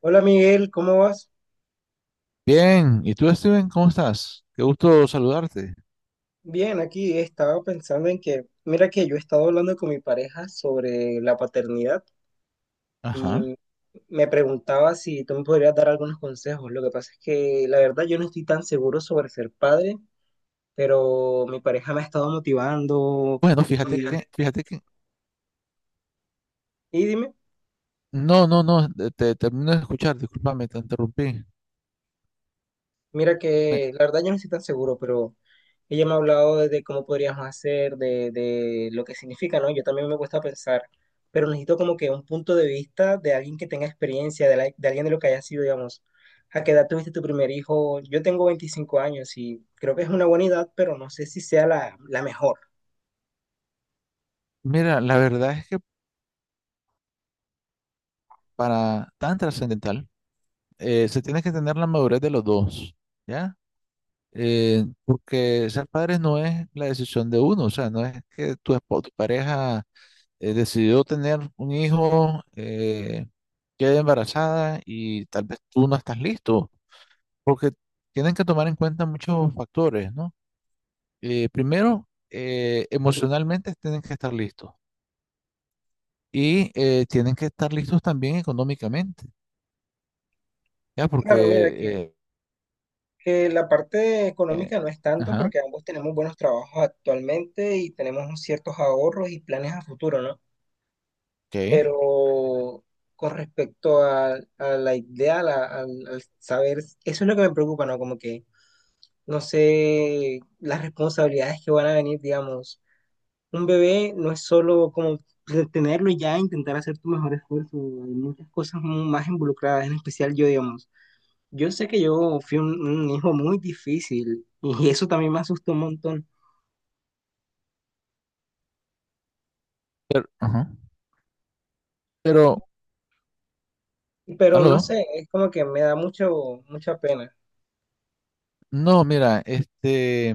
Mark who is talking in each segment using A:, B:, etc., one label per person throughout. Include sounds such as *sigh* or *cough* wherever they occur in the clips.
A: Hola Miguel, ¿cómo vas?
B: Bien, ¿y tú, Steven? ¿Cómo estás? Qué gusto saludarte.
A: Bien, aquí estaba pensando en que, mira que yo he estado hablando con mi pareja sobre la paternidad
B: Ajá.
A: y me preguntaba si tú me podrías dar algunos consejos. Lo que pasa es que la verdad yo no estoy tan seguro sobre ser padre, pero mi pareja me ha estado motivando
B: Bueno, fíjate
A: y,
B: que, fíjate que,
A: y dime.
B: no, no, no, te termino de escuchar, discúlpame, te interrumpí.
A: Mira
B: Me-
A: que la verdad yo no estoy tan seguro, pero ella me ha hablado de cómo podríamos hacer, de lo que significa, ¿no? Yo también me cuesta pensar, pero necesito como que un punto de vista de alguien que tenga experiencia, de, de alguien de lo que haya sido, digamos, a qué edad tuviste tu primer hijo. Yo tengo 25 años y creo que es una buena edad, pero no sé si sea la mejor.
B: Mira, la verdad es que para tan trascendental, se tiene que tener la madurez de los dos, ¿ya? Porque ser padres no es la decisión de uno, o sea, no es que tu, tu pareja decidió tener un hijo, quede embarazada y tal vez tú no estás listo. Porque tienen que tomar en cuenta muchos factores, ¿no? Primero, emocionalmente tienen que estar listos y tienen que estar listos también económicamente, ¿ya? Porque,
A: Claro,
B: eh,
A: que la parte
B: eh,
A: económica no es tanto
B: ajá,
A: porque ambos tenemos buenos trabajos actualmente y tenemos ciertos ahorros y planes a futuro, ¿no?
B: ok,
A: Pero con respecto a la idea, al saber, eso es lo que me preocupa, ¿no? Como que no sé las responsabilidades que van a venir, digamos. Un bebé no es solo como tenerlo y ya, intentar hacer tu mejor esfuerzo, hay muchas cosas más involucradas, en especial yo, digamos. Yo sé que yo fui un hijo muy difícil y eso también me asustó un montón,
B: pero, ajá, pero,
A: pero no
B: aló,
A: sé, es como que me da mucha pena.
B: no, mira, este,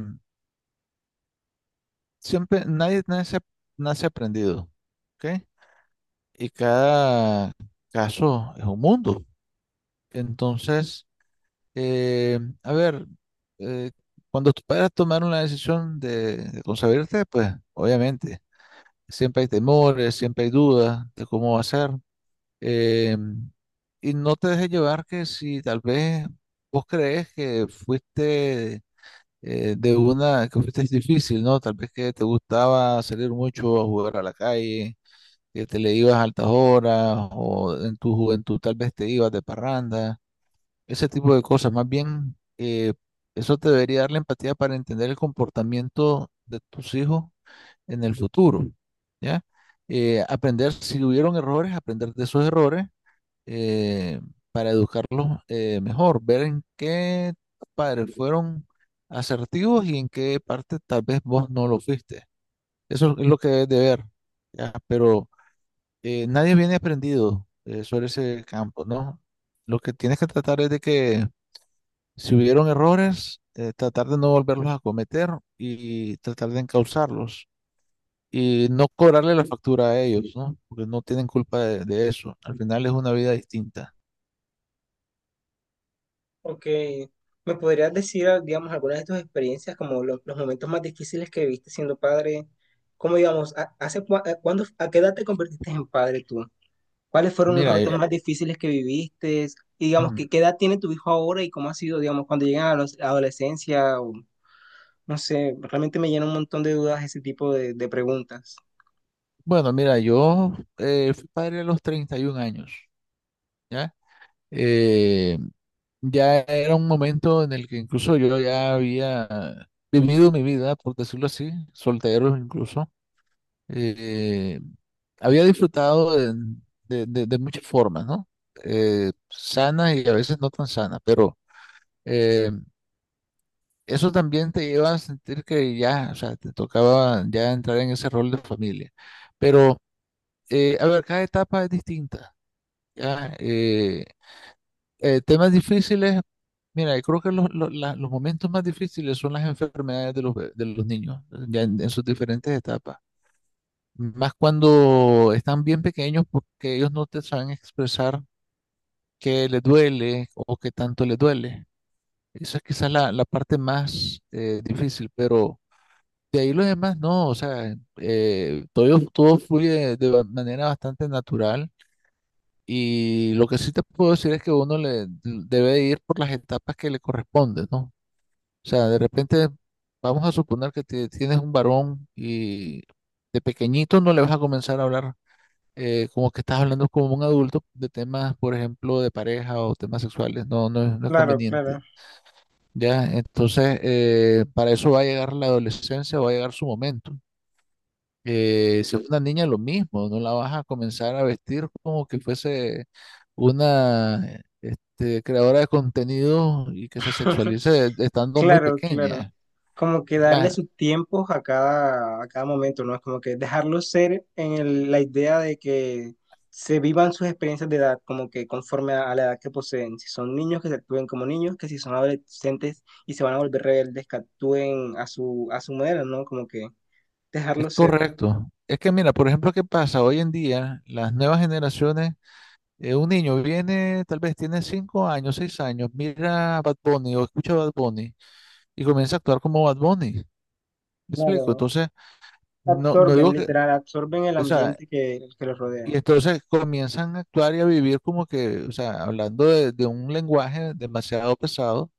B: siempre, nadie nace, nace aprendido, ¿ok? Y cada caso es un mundo. Entonces, Eh, a ver, eh, cuando tus padres tomaron la decisión de concebirte, pues obviamente, siempre hay temores, siempre hay dudas de cómo va a ser. Eh, y no te dejes llevar que si tal vez vos crees que fuiste de una, que fuiste difícil, ¿no? Tal vez que te gustaba salir mucho a jugar a la calle, que te le ibas a altas horas, o en tu juventud tal vez te ibas de parranda ese tipo de cosas. Más bien, eso te debería dar la empatía para entender el comportamiento de tus hijos en el futuro, ¿ya? Aprender, si hubieron errores, aprender de esos errores eh, para educarlos mejor, ver en qué padres fueron asertivos y en qué parte tal vez vos no lo fuiste. Eso es lo que debes de ver, ¿ya? Pero nadie viene aprendido sobre ese campo, ¿no? Lo que tienes que tratar es de que si hubieron errores, tratar de no volverlos a cometer y tratar de encauzarlos y no cobrarle la factura a ellos, ¿no? Porque no tienen culpa de eso. Al final es una vida distinta.
A: Ok, ¿me podrías decir, ah, digamos, algunas de tus experiencias, como los momentos más difíciles que viste siendo padre? ¿Cómo, digamos, a- hace cua- a, cuándo- a qué edad te convertiste en padre tú? ¿Cuáles fueron los
B: Mira,
A: retos más difíciles que viviste? Y, digamos,
B: mm,
A: ¿qué, qué edad tiene tu hijo ahora y cómo ha sido, digamos, cuando llegan a la adolescencia? O, no sé, realmente me llena un montón de dudas ese tipo de preguntas.
B: bueno, mira, yo fui padre a los 31 años, ¿ya? Eh, ya era un momento en el que incluso yo ya había vivido mi vida, por decirlo así, soltero incluso. eh, Había disfrutado de, de muchas formas, ¿no? Sanas y a veces no tan sanas, pero eh, eso también te lleva a sentir que ya, o sea, te tocaba ya entrar en ese rol de familia. Pero, a ver, cada etapa es distinta, ¿ya? Temas difíciles, mira, yo creo que los momentos más difíciles son las enfermedades de de los niños, ya en sus diferentes etapas. Más cuando están bien pequeños porque ellos no te saben expresar qué les duele o qué tanto les duele. Esa es quizás la, la parte más difícil, pero de ahí los demás no, o sea, todo, todo fluye de manera bastante natural y lo que sí te puedo decir es que uno le debe ir por las etapas que le corresponden, ¿no? O sea, de repente vamos a suponer que tienes un varón y de pequeñito no le vas a comenzar a hablar como que estás hablando como un adulto de temas, por ejemplo, de pareja o temas sexuales, no, no, es no es
A: Claro, claro.
B: conveniente, ¿ya? Entonces, para eso va a llegar la adolescencia, va a llegar su momento. Si es una niña, lo mismo, no la vas a comenzar a vestir como que fuese una, este, creadora de contenido y que se
A: *laughs*
B: sexualice estando muy
A: Claro, claro.
B: pequeña,
A: Como que darle
B: ¿ya?
A: su tiempo a cada momento, ¿no? Es como que dejarlos ser en la idea de que se vivan sus experiencias de edad, como que conforme a la edad que poseen. Si son niños, que se actúen como niños, que si son adolescentes y se van a volver rebeldes, que actúen a su manera, ¿no? Como que
B: Es
A: dejarlos ser.
B: correcto. Es que mira, por ejemplo, ¿qué pasa? Hoy en día, las nuevas generaciones un niño viene, tal vez tiene cinco años, seis años, mira a Bad Bunny o escucha a Bad Bunny y comienza a actuar como Bad Bunny. ¿Me explico?
A: Claro,
B: Entonces, no, no
A: absorben,
B: digo que,
A: literal, absorben el
B: o sea,
A: ambiente que los rodea.
B: y entonces comienzan a actuar y a vivir como que, o sea, hablando de un lenguaje demasiado pesado,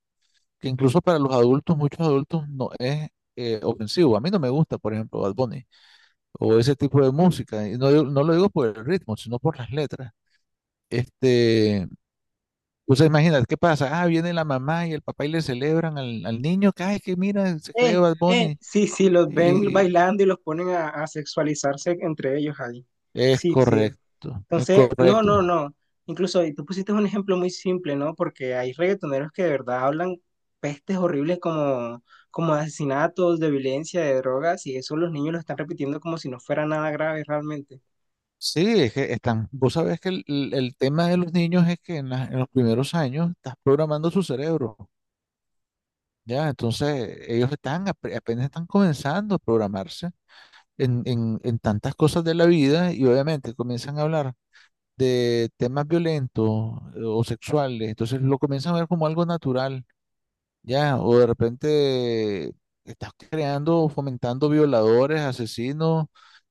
B: que incluso para los adultos, muchos adultos, no es ofensivo. A mí no me gusta, por ejemplo, Bad Bunny o ese tipo de música. Y no, no lo digo por el ritmo, sino por las letras. Este. O sea, imagínate, ¿qué pasa? Ah, viene la mamá y el papá y le celebran al, al niño, que ay, que mira, se cree Bad Bunny.
A: Sí, sí, los ven
B: Y
A: bailando y los ponen a sexualizarse entre ellos ahí.
B: es
A: Sí, sí.
B: correcto, es
A: Entonces, no, no,
B: correcto.
A: no. Incluso y tú pusiste un ejemplo muy simple, ¿no? Porque hay reggaetoneros que de verdad hablan pestes horribles como, como de asesinatos, de violencia, de drogas, y eso los niños lo están repitiendo como si no fuera nada grave realmente.
B: Sí, es que están, vos sabés que el tema de los niños es que en, en los primeros años estás programando su cerebro, ¿ya? Entonces, ellos están, apenas están comenzando a programarse en tantas cosas de la vida y obviamente comienzan a hablar de temas violentos o sexuales, entonces lo comienzan a ver como algo natural. Ya, o de repente estás creando, fomentando violadores, asesinos,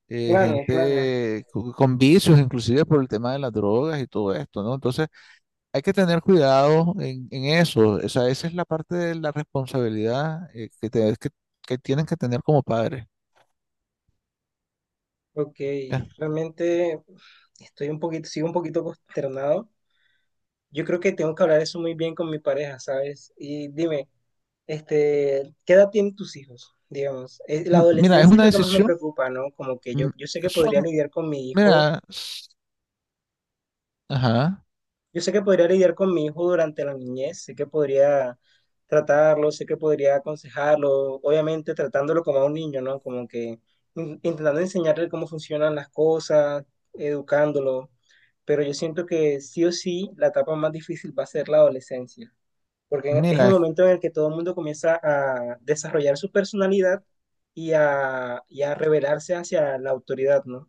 A: Claro, claro.
B: gente con vicios, inclusive por el tema de las drogas y todo esto, ¿no? Entonces, hay que tener cuidado en eso. O sea, esa es la parte de la responsabilidad que tienen que tener como padres.
A: Ok,
B: Ya.
A: realmente estoy un poquito, sigo un poquito consternado. Yo creo que tengo que hablar eso muy bien con mi pareja, ¿sabes? Y dime, este, ¿qué edad tienen tus hijos? Digamos, eh, la
B: Mira, es
A: adolescencia es
B: una
A: lo que más me
B: decisión.
A: preocupa, ¿no? Como que
B: Mm,
A: yo sé que
B: son,
A: podría lidiar con mi hijo,
B: mira, ajá,
A: yo sé que podría lidiar con mi hijo durante la niñez, sé que podría tratarlo, sé que podría aconsejarlo, obviamente tratándolo como a un niño, ¿no? Como que intentando enseñarle cómo funcionan las cosas, educándolo, pero yo siento que sí o sí la etapa más difícil va a ser la adolescencia, porque es el
B: mira,
A: momento en el que todo el mundo comienza a desarrollar su personalidad y y a rebelarse hacia la autoridad, ¿no?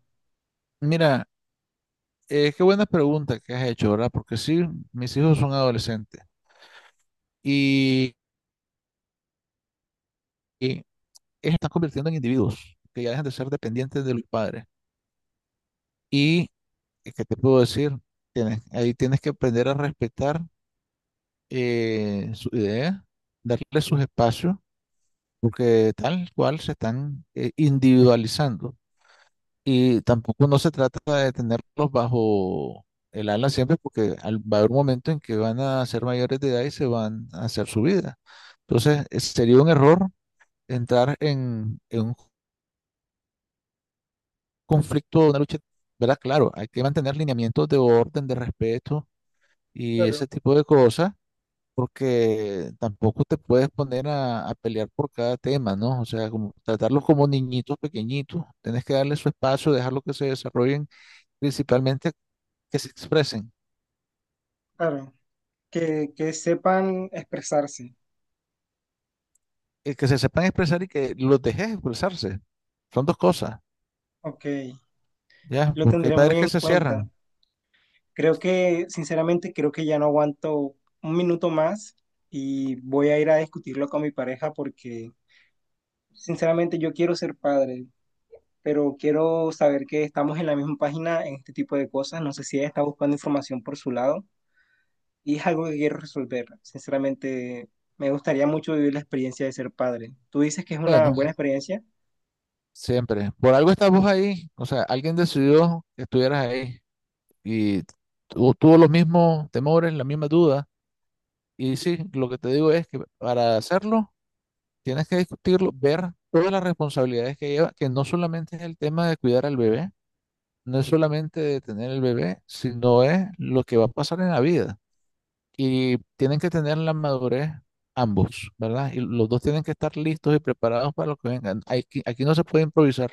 B: mira, qué buena pregunta que has hecho, ¿verdad? Porque sí, mis hijos son adolescentes. Y, y ellos están convirtiendo en individuos que ya dejan de ser dependientes de los padres. Y, ¿qué te puedo decir? Ahí tienes que aprender a respetar su idea, darle sus espacios, porque tal cual se están individualizando. Y tampoco no se trata de tenerlos bajo el ala siempre, porque va a haber un momento en que van a ser mayores de edad y se van a hacer su vida. Entonces, sería un error entrar en un conflicto, una lucha, ¿verdad? Claro, hay que mantener lineamientos de orden, de respeto y ese
A: Claro,
B: tipo de cosas, porque tampoco te puedes poner a pelear por cada tema, ¿no? O sea, como tratarlos como niñitos pequeñitos, tienes que darles su espacio, dejarlos que se desarrollen, principalmente que se expresen,
A: claro. Que sepan expresarse.
B: que se sepan expresar y que los dejes expresarse. Son dos cosas,
A: Ok,
B: ¿ya?
A: lo
B: Porque hay
A: tendré muy
B: padres
A: en
B: que se
A: cuenta.
B: cierran.
A: Creo que, sinceramente, creo que ya no aguanto un minuto más y voy a ir a discutirlo con mi pareja porque, sinceramente, yo quiero ser padre, pero quiero saber que estamos en la misma página en este tipo de cosas. No sé si ella está buscando información por su lado, y es algo que quiero resolver. Sinceramente, me gustaría mucho vivir la experiencia de ser padre. Tú dices que es una
B: Bueno,
A: buena experiencia,
B: siempre. Por algo estás vos ahí, o sea, alguien decidió que estuvieras ahí. Y tuvo los mismos temores, las mismas dudas. Y sí, lo que te digo es que para hacerlo tienes que discutirlo, ver todas las responsabilidades que lleva, que no solamente es el tema de cuidar al bebé, no es solamente de tener el bebé, sino es lo que va a pasar en la vida. Y tienen que tener la madurez ambos, ¿verdad? Y los dos tienen que estar listos y preparados para lo que vengan. Aquí, aquí no se puede improvisar.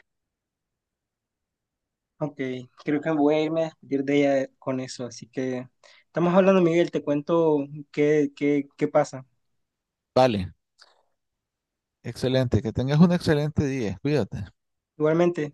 A: aunque creo que voy a irme a despedir de ella con eso. Así que estamos hablando, Miguel, te cuento qué, qué, qué pasa.
B: Vale, excelente, que tengas un excelente día, cuídate.
A: Igualmente.